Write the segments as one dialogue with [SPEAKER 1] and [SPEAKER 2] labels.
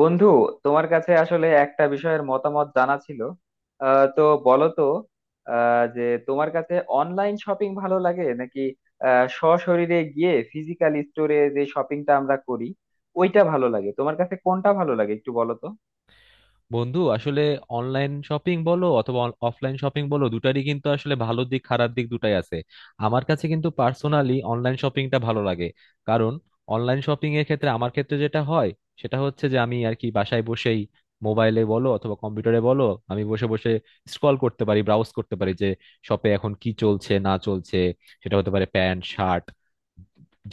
[SPEAKER 1] বন্ধু, তোমার কাছে আসলে একটা বিষয়ের মতামত জানা ছিল। তো বলো তো। যে তোমার কাছে অনলাইন শপিং ভালো লাগে, নাকি সশরীরে গিয়ে ফিজিক্যাল স্টোরে যে শপিংটা আমরা করি ওইটা ভালো লাগে? তোমার কাছে কোনটা ভালো লাগে একটু বলো তো।
[SPEAKER 2] বন্ধু আসলে অনলাইন শপিং বলো অথবা অফলাইন শপিং বলো দুটারই কিন্তু আসলে ভালো দিক খারাপ দিক দুটাই আছে। আমার কাছে কিন্তু পার্সোনালি অনলাইন শপিংটা ভালো লাগে। কারণ অনলাইন শপিং এর ক্ষেত্রে আমার ক্ষেত্রে যেটা হয়, সেটা হচ্ছে যে আমি আর কি বাসায় বসেই মোবাইলে বলো অথবা কম্পিউটারে বলো, আমি বসে বসে স্ক্রল করতে পারি, ব্রাউজ করতে পারি যে শপে এখন কি চলছে না চলছে। সেটা হতে পারে প্যান্ট, শার্ট,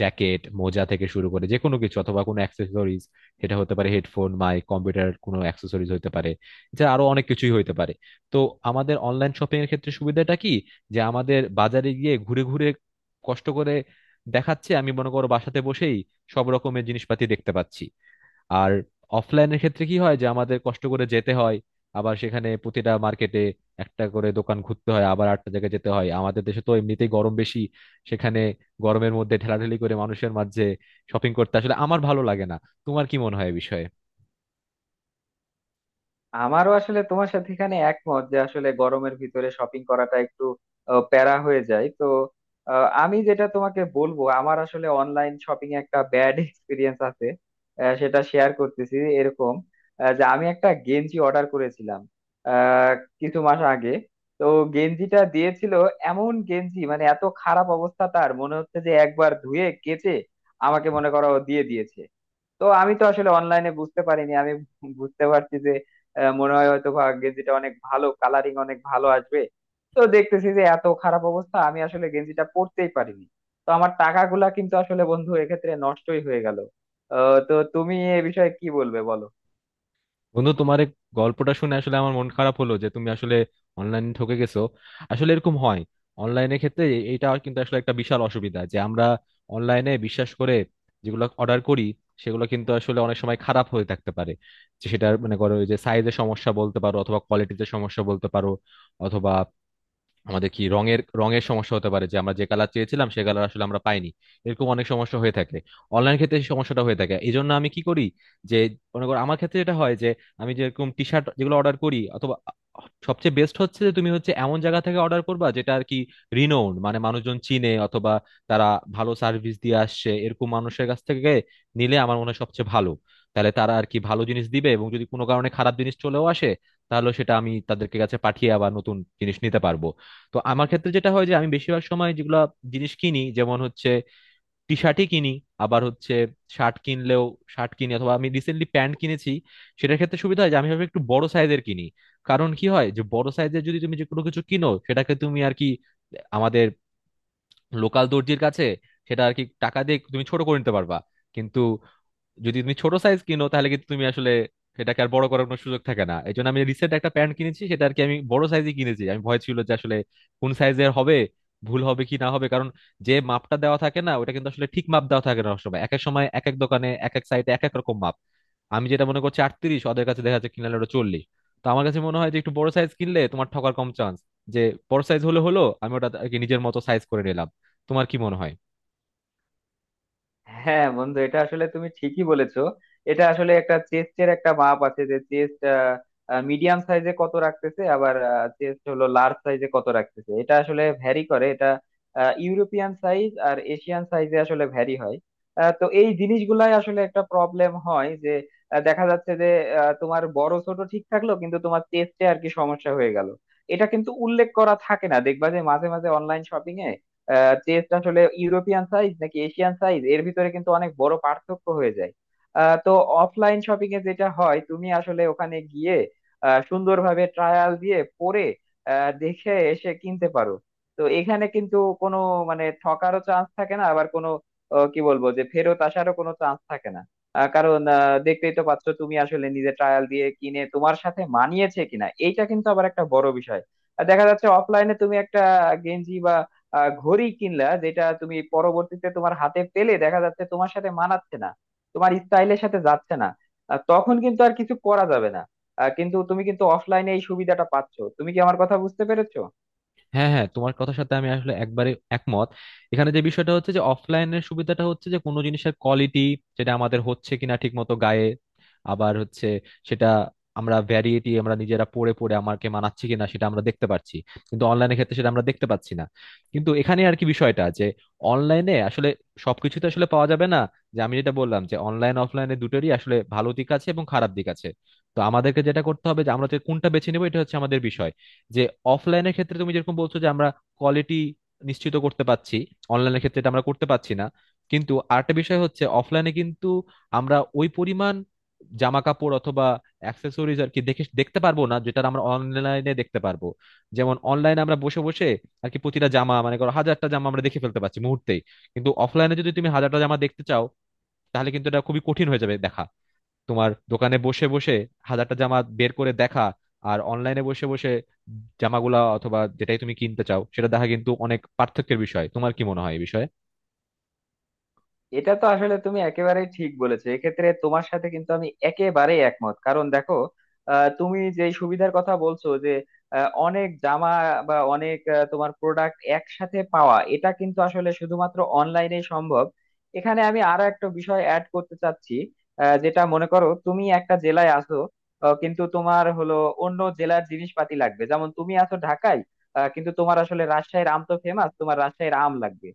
[SPEAKER 2] জ্যাকেট, মোজা থেকে শুরু করে যে কোনো কিছু, অথবা কোনো অ্যাক্সেসরিজ। সেটা হতে পারে হেডফোন, মাইক, কম্পিউটার, কোনো অ্যাক্সেসরিজ হতে পারে। এছাড়া আরো অনেক কিছুই হতে পারে। তো আমাদের অনলাইন শপিং এর ক্ষেত্রে সুবিধাটা কি, যে আমাদের বাজারে গিয়ে ঘুরে ঘুরে কষ্ট করে দেখাচ্ছে আমি মনে করো বাসাতে বসেই সব রকমের জিনিসপাতি দেখতে পাচ্ছি। আর অফলাইনের ক্ষেত্রে কি হয়, যে আমাদের কষ্ট করে যেতে হয়, আবার সেখানে প্রতিটা মার্কেটে একটা করে দোকান ঘুরতে হয়, আবার আটটা জায়গায় যেতে হয়। আমাদের দেশে তো এমনিতেই গরম বেশি, সেখানে গরমের মধ্যে ঠেলাঠেলি করে মানুষের মাঝে শপিং করতে আসলে আমার ভালো লাগে না। তোমার কি মনে হয় এই বিষয়ে?
[SPEAKER 1] আমারও আসলে তোমার সাথে এখানে একমত যে আসলে গরমের ভিতরে শপিং করাটা একটু প্যারা হয়ে যায় তো। আমি যেটা তোমাকে বলবো, আমার আসলে অনলাইন শপিং একটা ব্যাড এক্সপিরিয়েন্স আছে। সেটা শেয়ার করতেছি এরকম। যে আমি একটা গেঞ্জি অর্ডার করেছিলাম আহ, কিছু মাস আগে। তো গেঞ্জিটা দিয়েছিল, এমন গেঞ্জি মানে এত খারাপ অবস্থা, তার মনে হচ্ছে যে একবার ধুয়ে কেচে আমাকে মনে করো দিয়ে দিয়েছে। তো আমি তো আসলে অনলাইনে বুঝতে পারিনি, আমি বুঝতে পারছি যে মনে হয় হয়তো ভাগ্যে যেটা, অনেক ভালো কালারিং, অনেক ভালো আসবে। তো দেখতেছি যে এত খারাপ অবস্থা, আমি আসলে গেঞ্জিটা পরতেই পারিনি। তো আমার টাকাগুলা কিন্তু আসলে বন্ধু এক্ষেত্রে নষ্টই হয়ে গেল। তো তুমি এ বিষয়ে কি বলবে বলো।
[SPEAKER 2] বন্ধু, তোমার এই গল্পটা শুনে আসলে আমার মন খারাপ হলো যে তুমি আসলে অনলাইনে ঠকে গেছো। আসলে এরকম হয়। অনলাইনের ক্ষেত্রে এটা কিন্তু আসলে একটা বিশাল অসুবিধা, যে আমরা অনলাইনে বিশ্বাস করে যেগুলো অর্ডার করি, সেগুলো কিন্তু আসলে অনেক সময় খারাপ হয়ে থাকতে পারে। যে সেটার মানে করো যে সাইজের সমস্যা বলতে পারো অথবা কোয়ালিটিতে সমস্যা বলতে পারো, অথবা আমাদের কি রঙের রঙের সমস্যা হতে পারে, যে আমরা যে কালার চেয়েছিলাম সে কালার আসলে আমরা পাইনি। এরকম অনেক সমস্যা হয়ে থাকে। অনলাইন ক্ষেত্রে এই সমস্যাটা হয়ে থাকে, এই জন্য আমি কি করি যে, মনে করো আমার ক্ষেত্রে যেটা হয় যে আমি যেরকম টি শার্ট যেগুলো অর্ডার করি, অথবা সবচেয়ে বেস্ট হচ্ছে যে তুমি হচ্ছে এমন জায়গা থেকে অর্ডার করবা যেটা আর কি রিনোন, মানে মানুষজন চিনে, অথবা তারা ভালো সার্ভিস দিয়ে আসছে, এরকম মানুষের কাছ থেকে নিলে আমার মনে হয় সবচেয়ে ভালো। তাহলে তারা আর কি ভালো জিনিস দিবে, এবং যদি কোনো কারণে খারাপ জিনিস চলেও আসে, তাহলে সেটা আমি তাদেরকে কাছে পাঠিয়ে আবার নতুন জিনিস নিতে পারবো। তো আমার ক্ষেত্রে যেটা হয় যে আমি বেশিরভাগ সময় যেগুলা জিনিস কিনি, যেমন হচ্ছে টি শার্টই কিনি, আবার হচ্ছে শার্ট কিনলেও শার্ট কিনি, অথবা আমি রিসেন্টলি প্যান্ট কিনেছি। সেটার ক্ষেত্রে সুবিধা হয় যে আমি ভাবে একটু বড় সাইজের কিনি। কারণ কি হয়, যে বড় সাইজের যদি তুমি যে কোনো কিছু কিনো, সেটাকে তুমি আর কি আমাদের লোকাল দর্জির কাছে সেটা আর কি টাকা দিয়ে তুমি ছোট করে নিতে পারবা। কিন্তু যদি তুমি ছোট সাইজ কিনো, তাহলে কিন্তু তুমি আসলে সেটাকে আর বড় করার কোনো সুযোগ থাকে না। এই জন্য আমি রিসেন্ট একটা প্যান্ট কিনেছি, সেটা আর কি আমি বড় সাইজই কিনেছি। আমি ভয় ছিল যে আসলে কোন সাইজের হবে, ভুল হবে কি না হবে। কারণ যে মাপটা দেওয়া থাকে না ওটা কিন্তু আসলে ঠিক মাপ দেওয়া থাকে না, সবসময় এক এক সময় এক এক দোকানে এক এক সাইডে এক এক রকম মাপ। আমি যেটা মনে করছি 38, ওদের কাছে দেখা যাচ্ছে কিনলে ওটা 40। তো আমার কাছে মনে হয় যে একটু বড় সাইজ কিনলে তোমার ঠকার কম চান্স, যে বড় সাইজ হলে হলো আমি ওটা আর কি নিজের মতো সাইজ করে নিলাম। তোমার কি মনে হয়?
[SPEAKER 1] হ্যাঁ বন্ধু, এটা আসলে তুমি ঠিকই বলেছো। এটা আসলে একটা চেস্টের একটা মাপ আছে, যে চেস্ট মিডিয়াম সাইজে কত রাখতেছে, আবার চেস্ট হলো লার্জ সাইজে কত রাখতেছে। এটা আসলে ভ্যারি করে, এটা ইউরোপিয়ান সাইজ আর এশিয়ান সাইজে আসলে ভ্যারি হয়। তো এই জিনিসগুলাই আসলে একটা প্রবলেম হয়, যে দেখা যাচ্ছে যে তোমার বড় ছোট ঠিক থাকলো কিন্তু তোমার চেস্টে আর কি সমস্যা হয়ে গেল। এটা কিন্তু উল্লেখ করা থাকে না, দেখবা যে মাঝে মাঝে অনলাইন শপিং এ চেস আসলে ইউরোপিয়ান সাইজ নাকি এশিয়ান সাইজ, এর ভিতরে কিন্তু অনেক বড় পার্থক্য হয়ে যায়। তো অফলাইন শপিং এ যেটা হয়, তুমি আসলে ওখানে গিয়ে সুন্দরভাবে ট্রায়াল দিয়ে পরে দেখে এসে কিনতে পারো। তো এখানে কিন্তু কোনো মানে ঠকারও চান্স থাকে না, আবার কোনো কি বলবো, যে ফেরত আসারও কোনো চান্স থাকে না। কারণ দেখতেই তো পাচ্ছ, তুমি আসলে নিজে ট্রায়াল দিয়ে কিনে তোমার সাথে মানিয়েছে কিনা, এইটা কিন্তু আবার একটা বড় বিষয়। আর দেখা যাচ্ছে অফলাইনে তুমি একটা গেঞ্জি বা ঘড়ি কিনলা, যেটা তুমি পরবর্তীতে তোমার হাতে পেলে দেখা যাচ্ছে তোমার সাথে মানাচ্ছে না, তোমার স্টাইলের সাথে যাচ্ছে না। তখন কিন্তু আর কিছু করা যাবে না। কিন্তু তুমি কিন্তু অফলাইনে এই সুবিধাটা পাচ্ছ। তুমি কি আমার কথা বুঝতে পেরেছো?
[SPEAKER 2] হ্যাঁ, হ্যাঁ, তোমার কথার সাথে আমি আসলে একবারে একমত। এখানে যে বিষয়টা হচ্ছে যে অফলাইনের সুবিধাটা হচ্ছে যে কোনো জিনিসের কোয়ালিটি, যেটা আমাদের হচ্ছে কিনা ঠিক মতো গায়ে, আবার হচ্ছে সেটা আমরা ভ্যারিয়েটি আমরা নিজেরা পড়ে পড়ে আমাকে মানাচ্ছে কিনা সেটা আমরা দেখতে পাচ্ছি। কিন্তু অনলাইনের ক্ষেত্রে সেটা আমরা দেখতে পাচ্ছি না। কিন্তু এখানে আর কি বিষয়টা যে অনলাইনে আসলে সবকিছু তো আসলে পাওয়া যাবে না, যে আমি যেটা বললাম যে অনলাইন অফলাইনে দুটোরই আসলে ভালো দিক আছে এবং খারাপ দিক আছে। তো আমাদেরকে যেটা করতে হবে যে আমরা যে কোনটা বেছে নেবো এটা হচ্ছে আমাদের বিষয়। যে অফলাইনের ক্ষেত্রে তুমি যেরকম বলছো যে আমরা কোয়ালিটি নিশ্চিত করতে পারছি, অনলাইনের ক্ষেত্রে এটা আমরা করতে পারছি না। কিন্তু আরেকটা বিষয় হচ্ছে অফলাইনে কিন্তু আমরা ওই পরিমাণ জামা কাপড় অথবা অ্যাক্সেসরিজ আর কি দেখে দেখতে পারবো না, যেটা আমরা অনলাইনে দেখতে পারবো। যেমন অনলাইনে আমরা বসে বসে আর কি প্রতিটা জামা মানে করো হাজারটা জামা আমরা দেখে ফেলতে পারছি মুহূর্তেই। কিন্তু অফলাইনে যদি তুমি হাজারটা জামা দেখতে চাও, তাহলে কিন্তু এটা খুবই কঠিন হয়ে যাবে দেখা, তোমার দোকানে বসে বসে হাজারটা জামা বের করে দেখা। আর অনলাইনে বসে বসে জামাগুলা অথবা যেটাই তুমি কিনতে চাও সেটা দেখা কিন্তু অনেক পার্থক্যের বিষয়। তোমার কি মনে হয় এই বিষয়ে?
[SPEAKER 1] এটা তো আসলে তুমি একেবারেই ঠিক বলেছো, এক্ষেত্রে তোমার সাথে কিন্তু আমি একেবারে একমত, কারণ দেখো তুমি যে সুবিধার কথা বলছো, যে অনেক জামা বা অনেক তোমার প্রোডাক্ট একসাথে পাওয়া, এটা কিন্তু আসলে শুধুমাত্র অনলাইনে সম্ভব। এখানে আমি আরো একটা বিষয় অ্যাড করতে চাচ্ছি। যেটা মনে করো তুমি একটা জেলায় আসো, কিন্তু তোমার হলো অন্য জেলার জিনিসপাতি লাগবে। যেমন তুমি আছো ঢাকায়, কিন্তু তোমার আসলে রাজশাহীর আম তো ফেমাস, তোমার রাজশাহীর আম লাগবে।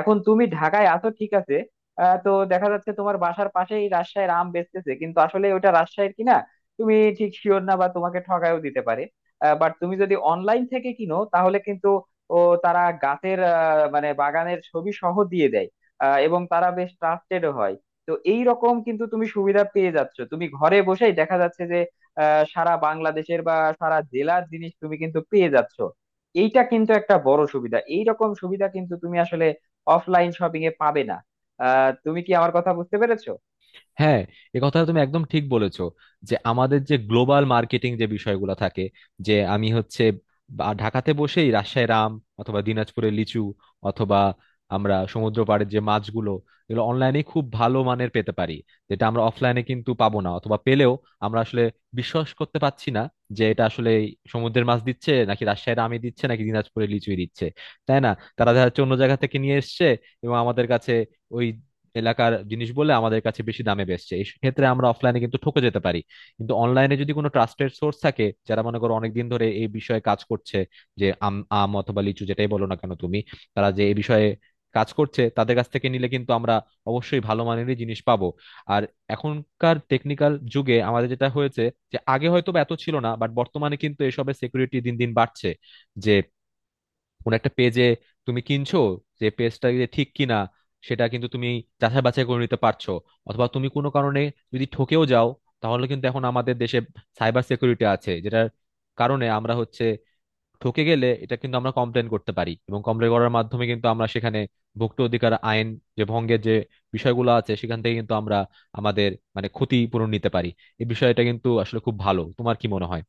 [SPEAKER 1] এখন তুমি ঢাকায় আসো ঠিক আছে। তো দেখা যাচ্ছে তোমার বাসার পাশেই রাজশাহীর আম বেচতেছে, কিন্তু আসলে ওটা রাজশাহীর কিনা তুমি ঠিক শিওর না, বা তোমাকে ঠকায়ও দিতে পারে। বাট তুমি যদি অনলাইন থেকে কিনো তাহলে কিন্তু ও তারা গাছের মানে বাগানের ছবি সহ দিয়ে দেয়, এবং তারা বেশ ট্রাস্টেড হয়। তো এই রকম কিন্তু তুমি সুবিধা পেয়ে যাচ্ছ, তুমি ঘরে বসেই দেখা যাচ্ছে যে সারা বাংলাদেশের বা সারা জেলার জিনিস তুমি কিন্তু পেয়ে যাচ্ছ। এইটা কিন্তু একটা বড় সুবিধা, এই রকম সুবিধা কিন্তু তুমি আসলে অফলাইন শপিং এ পাবে না। তুমি কি আমার কথা বুঝতে পেরেছো?
[SPEAKER 2] হ্যাঁ, এ কথা তুমি একদম ঠিক বলেছো। যে আমাদের যে গ্লোবাল মার্কেটিং যে বিষয়গুলো থাকে, যে আমি হচ্ছে ঢাকাতে বসেই রাজশাহী আম অথবা দিনাজপুরে লিচু অথবা আমরা সমুদ্র পাড়ের যে মাছগুলো, এগুলো অনলাইনে খুব ভালো মানের পেতে পারি, যেটা আমরা অফলাইনে কিন্তু পাবো না। অথবা পেলেও আমরা আসলে বিশ্বাস করতে পারছি না যে এটা আসলে সমুদ্রের মাছ দিচ্ছে নাকি রাজশাহীর আমই দিচ্ছে নাকি দিনাজপুরের লিচুই দিচ্ছে, তাই না। তারা দেখা যাচ্ছে অন্য জায়গা থেকে নিয়ে এসছে এবং আমাদের কাছে ওই এলাকার জিনিস বলে আমাদের কাছে বেশি দামে বেচছে, এই ক্ষেত্রে আমরা অফলাইনে কিন্তু ঠকে যেতে পারি। কিন্তু অনলাইনে যদি কোনো ট্রাস্টেড সোর্স থাকে যারা মনে করো অনেকদিন ধরে এই বিষয়ে কাজ করছে, যে আম আম অথবা লিচু যেটাই বলো না কেন তুমি, তারা যে এই বিষয়ে কাজ করছে, তাদের কাছ থেকে নিলে কিন্তু আমরা অবশ্যই ভালো মানেরই জিনিস পাবো। আর এখনকার টেকনিক্যাল যুগে আমাদের যেটা হয়েছে যে আগে হয়তো বা এত ছিল না, বাট বর্তমানে কিন্তু এসবের সিকিউরিটি দিন দিন বাড়ছে। যে কোন একটা পেজে তুমি কিনছো, যে পেজটা যে ঠিক কিনা সেটা কিন্তু তুমি যাচাই বাছাই করে নিতে পারছো। অথবা তুমি কোনো কারণে যদি ঠকেও যাও, তাহলে কিন্তু এখন আমাদের দেশে সাইবার সিকিউরিটি আছে, যেটার কারণে আমরা হচ্ছে ঠকে গেলে এটা কিন্তু আমরা কমপ্লেন করতে পারি, এবং কমপ্লেন করার মাধ্যমে কিন্তু আমরা সেখানে ভোক্তা অধিকার আইন যে ভঙ্গের যে বিষয়গুলো আছে সেখান থেকে কিন্তু আমরা আমাদের মানে ক্ষতিপূরণ নিতে পারি। এই বিষয়টা কিন্তু আসলে খুব ভালো। তোমার কি মনে হয়?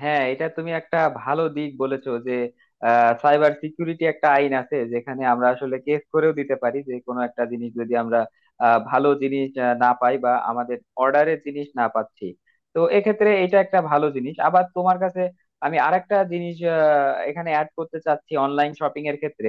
[SPEAKER 1] হ্যাঁ, এটা তুমি একটা ভালো দিক বলেছো, যে সাইবার সিকিউরিটি একটা আইন আছে যেখানে আমরা আসলে কেস করেও দিতে পারি, যে কোনো একটা জিনিস যদি আমরা ভালো জিনিস না পাই বা আমাদের অর্ডারের জিনিস না পাচ্ছি। তো এক্ষেত্রে এটা একটা ভালো জিনিস। আবার তোমার কাছে আমি আরেকটা জিনিস এখানে অ্যাড করতে চাচ্ছি অনলাইন শপিং এর ক্ষেত্রে।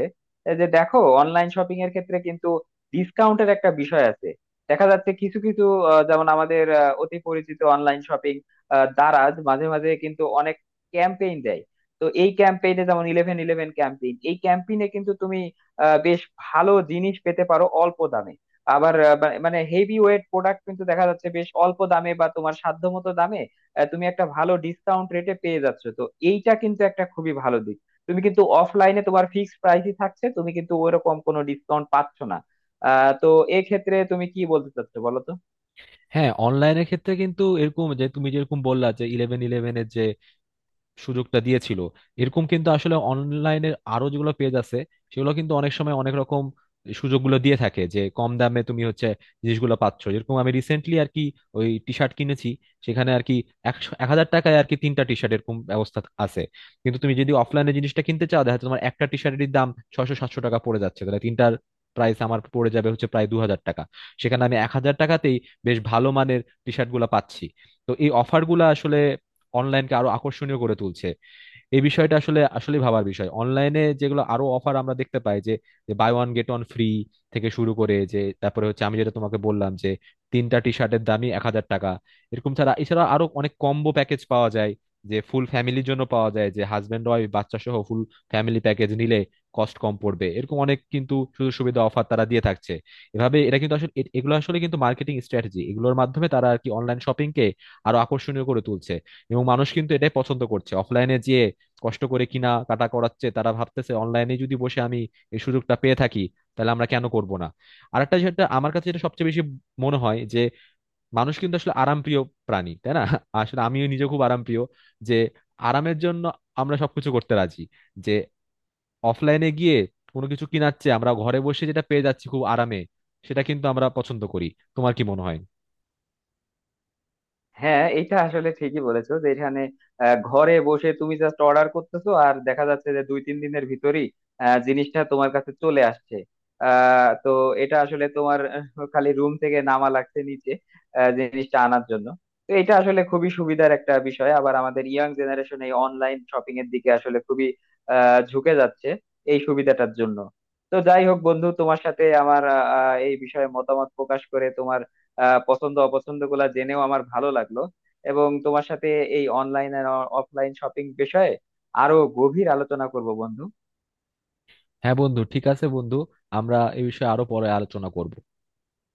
[SPEAKER 1] এই যে দেখো, অনলাইন শপিং এর ক্ষেত্রে কিন্তু ডিসকাউন্টের একটা বিষয় আছে। দেখা যাচ্ছে কিছু কিছু যেমন আমাদের অতি পরিচিত অনলাইন শপিং দারাজ মাঝে মাঝে কিন্তু অনেক ক্যাম্পেইন দেয়। তো এই ক্যাম্পেইনে যেমন ইলেভেন ইলেভেন ক্যাম্পেইন, এই ক্যাম্পেইনে কিন্তু তুমি বেশ ভালো জিনিস পেতে পারো অল্প দামে। আবার মানে হেভি ওয়েট প্রোডাক্ট কিন্তু দেখা যাচ্ছে বেশ অল্প দামে বা তোমার সাধ্যমতো দামে তুমি একটা ভালো ডিসকাউন্ট রেটে পেয়ে যাচ্ছ। তো এইটা কিন্তু একটা খুবই ভালো দিক। তুমি কিন্তু অফলাইনে তোমার ফিক্সড প্রাইসই থাকছে, তুমি কিন্তু ওইরকম কোনো ডিসকাউন্ট পাচ্ছ না। তো এক্ষেত্রে তুমি কি বলতে চাচ্ছো বলো তো।
[SPEAKER 2] হ্যাঁ, অনলাইনের ক্ষেত্রে কিন্তু এরকম যে তুমি যেরকম বললা যে ইলেভেন ইলেভেনের যে সুযোগটা দিয়েছিল, এরকম কিন্তু আসলে অনলাইনের আরো যেগুলো পেজ আছে সেগুলো কিন্তু অনেক সময় অনেক রকম সুযোগগুলো দিয়ে থাকে। যে কম দামে তুমি হচ্ছে জিনিসগুলো পাচ্ছ, যেরকম আমি রিসেন্টলি আর কি ওই টি শার্ট কিনেছি। সেখানে আর কি 1000 টাকায় আর কি তিনটা টি শার্ট এরকম ব্যবস্থা আছে। কিন্তু তুমি যদি অফলাইনে জিনিসটা কিনতে চাও, দেখা যাচ্ছে তোমার একটা টি শার্টের দাম 600-700 টাকা পড়ে যাচ্ছে। তাহলে তিনটার প্রাইস আমার পড়ে যাবে হচ্ছে প্রায় 2000 টাকা। সেখানে আমি 1000 টাকাতেই বেশ ভালো মানের টি শার্ট গুলা পাচ্ছি। তো এই অফার গুলা আসলে অনলাইনকে আরো আকর্ষণীয় করে তুলছে। এই বিষয়টা আসলে আসলে ভাবার বিষয়। অনলাইনে যেগুলো আরো অফার আমরা দেখতে পাই, যে buy one get one free থেকে শুরু করে, যে তারপরে হচ্ছে আমি যেটা তোমাকে বললাম যে তিনটা টি শার্টের দামই 1000 টাকা। এরকম ছাড়া এছাড়া আরো অনেক কম্বো প্যাকেজ পাওয়া যায়, যে ফুল ফ্যামিলির জন্য পাওয়া যায়, যে হাজবেন্ড ওয়াইফ বাচ্চা সহ ফুল ফ্যামিলি প্যাকেজ নিলে কস্ট কম পড়বে। এরকম অনেক কিন্তু সুযোগ সুবিধা অফার তারা দিয়ে থাকছে এভাবে। এটা কিন্তু আসলে এগুলো আসলে কিন্তু মার্কেটিং স্ট্র্যাটেজি, এগুলোর মাধ্যমে তারা আর কি অনলাইন শপিং কে আরো আকর্ষণীয় করে তুলছে। এবং মানুষ কিন্তু এটাই পছন্দ করছে, অফলাইনে যে কষ্ট করে কিনা কাটা করাচ্ছে, তারা ভাবতেছে অনলাইনে যদি বসে আমি এই সুযোগটা পেয়ে থাকি, তাহলে আমরা কেন করব না। আরেকটা যেটা আমার কাছে যেটা সবচেয়ে বেশি মনে হয় যে মানুষ কিন্তু আসলে আরামপ্রিয় প্রাণী, তাই না। আসলে আমিও নিজে খুব আরামপ্রিয়। যে আরামের জন্য আমরা সবকিছু করতে রাজি। যে অফলাইনে গিয়ে কোনো কিছু কিনাচ্ছে আমরা ঘরে বসে যেটা পেয়ে যাচ্ছি খুব আরামে, সেটা কিন্তু আমরা পছন্দ করি। তোমার কি মনে হয়?
[SPEAKER 1] হ্যাঁ, এটা আসলে ঠিকই বলেছো, যে এখানে ঘরে বসে তুমি জাস্ট অর্ডার করতেছো, আর দেখা যাচ্ছে যে দুই তিন দিনের ভিতরই জিনিসটা তোমার কাছে চলে আসছে। তো এটা আসলে তোমার খালি রুম থেকে নামা লাগছে নিচে জিনিসটা আনার জন্য। তো এটা আসলে খুবই সুবিধার একটা বিষয়। আবার আমাদের ইয়াং জেনারেশন এই অনলাইন শপিং এর দিকে আসলে খুবই ঝুঁকে যাচ্ছে এই সুবিধাটার জন্য। তো যাই হোক বন্ধু, তোমার সাথে আমার আহ, আহ, এই বিষয়ে মতামত প্রকাশ করে, তোমার পছন্দ অপছন্দ গুলা জেনেও আমার ভালো লাগলো। এবং তোমার সাথে এই অনলাইন আর অফলাইন শপিং বিষয়ে আরো গভীর আলোচনা করব বন্ধু।
[SPEAKER 2] হ্যাঁ বন্ধু, ঠিক আছে বন্ধু, আমরা এই বিষয়ে আরো পরে আলোচনা করব।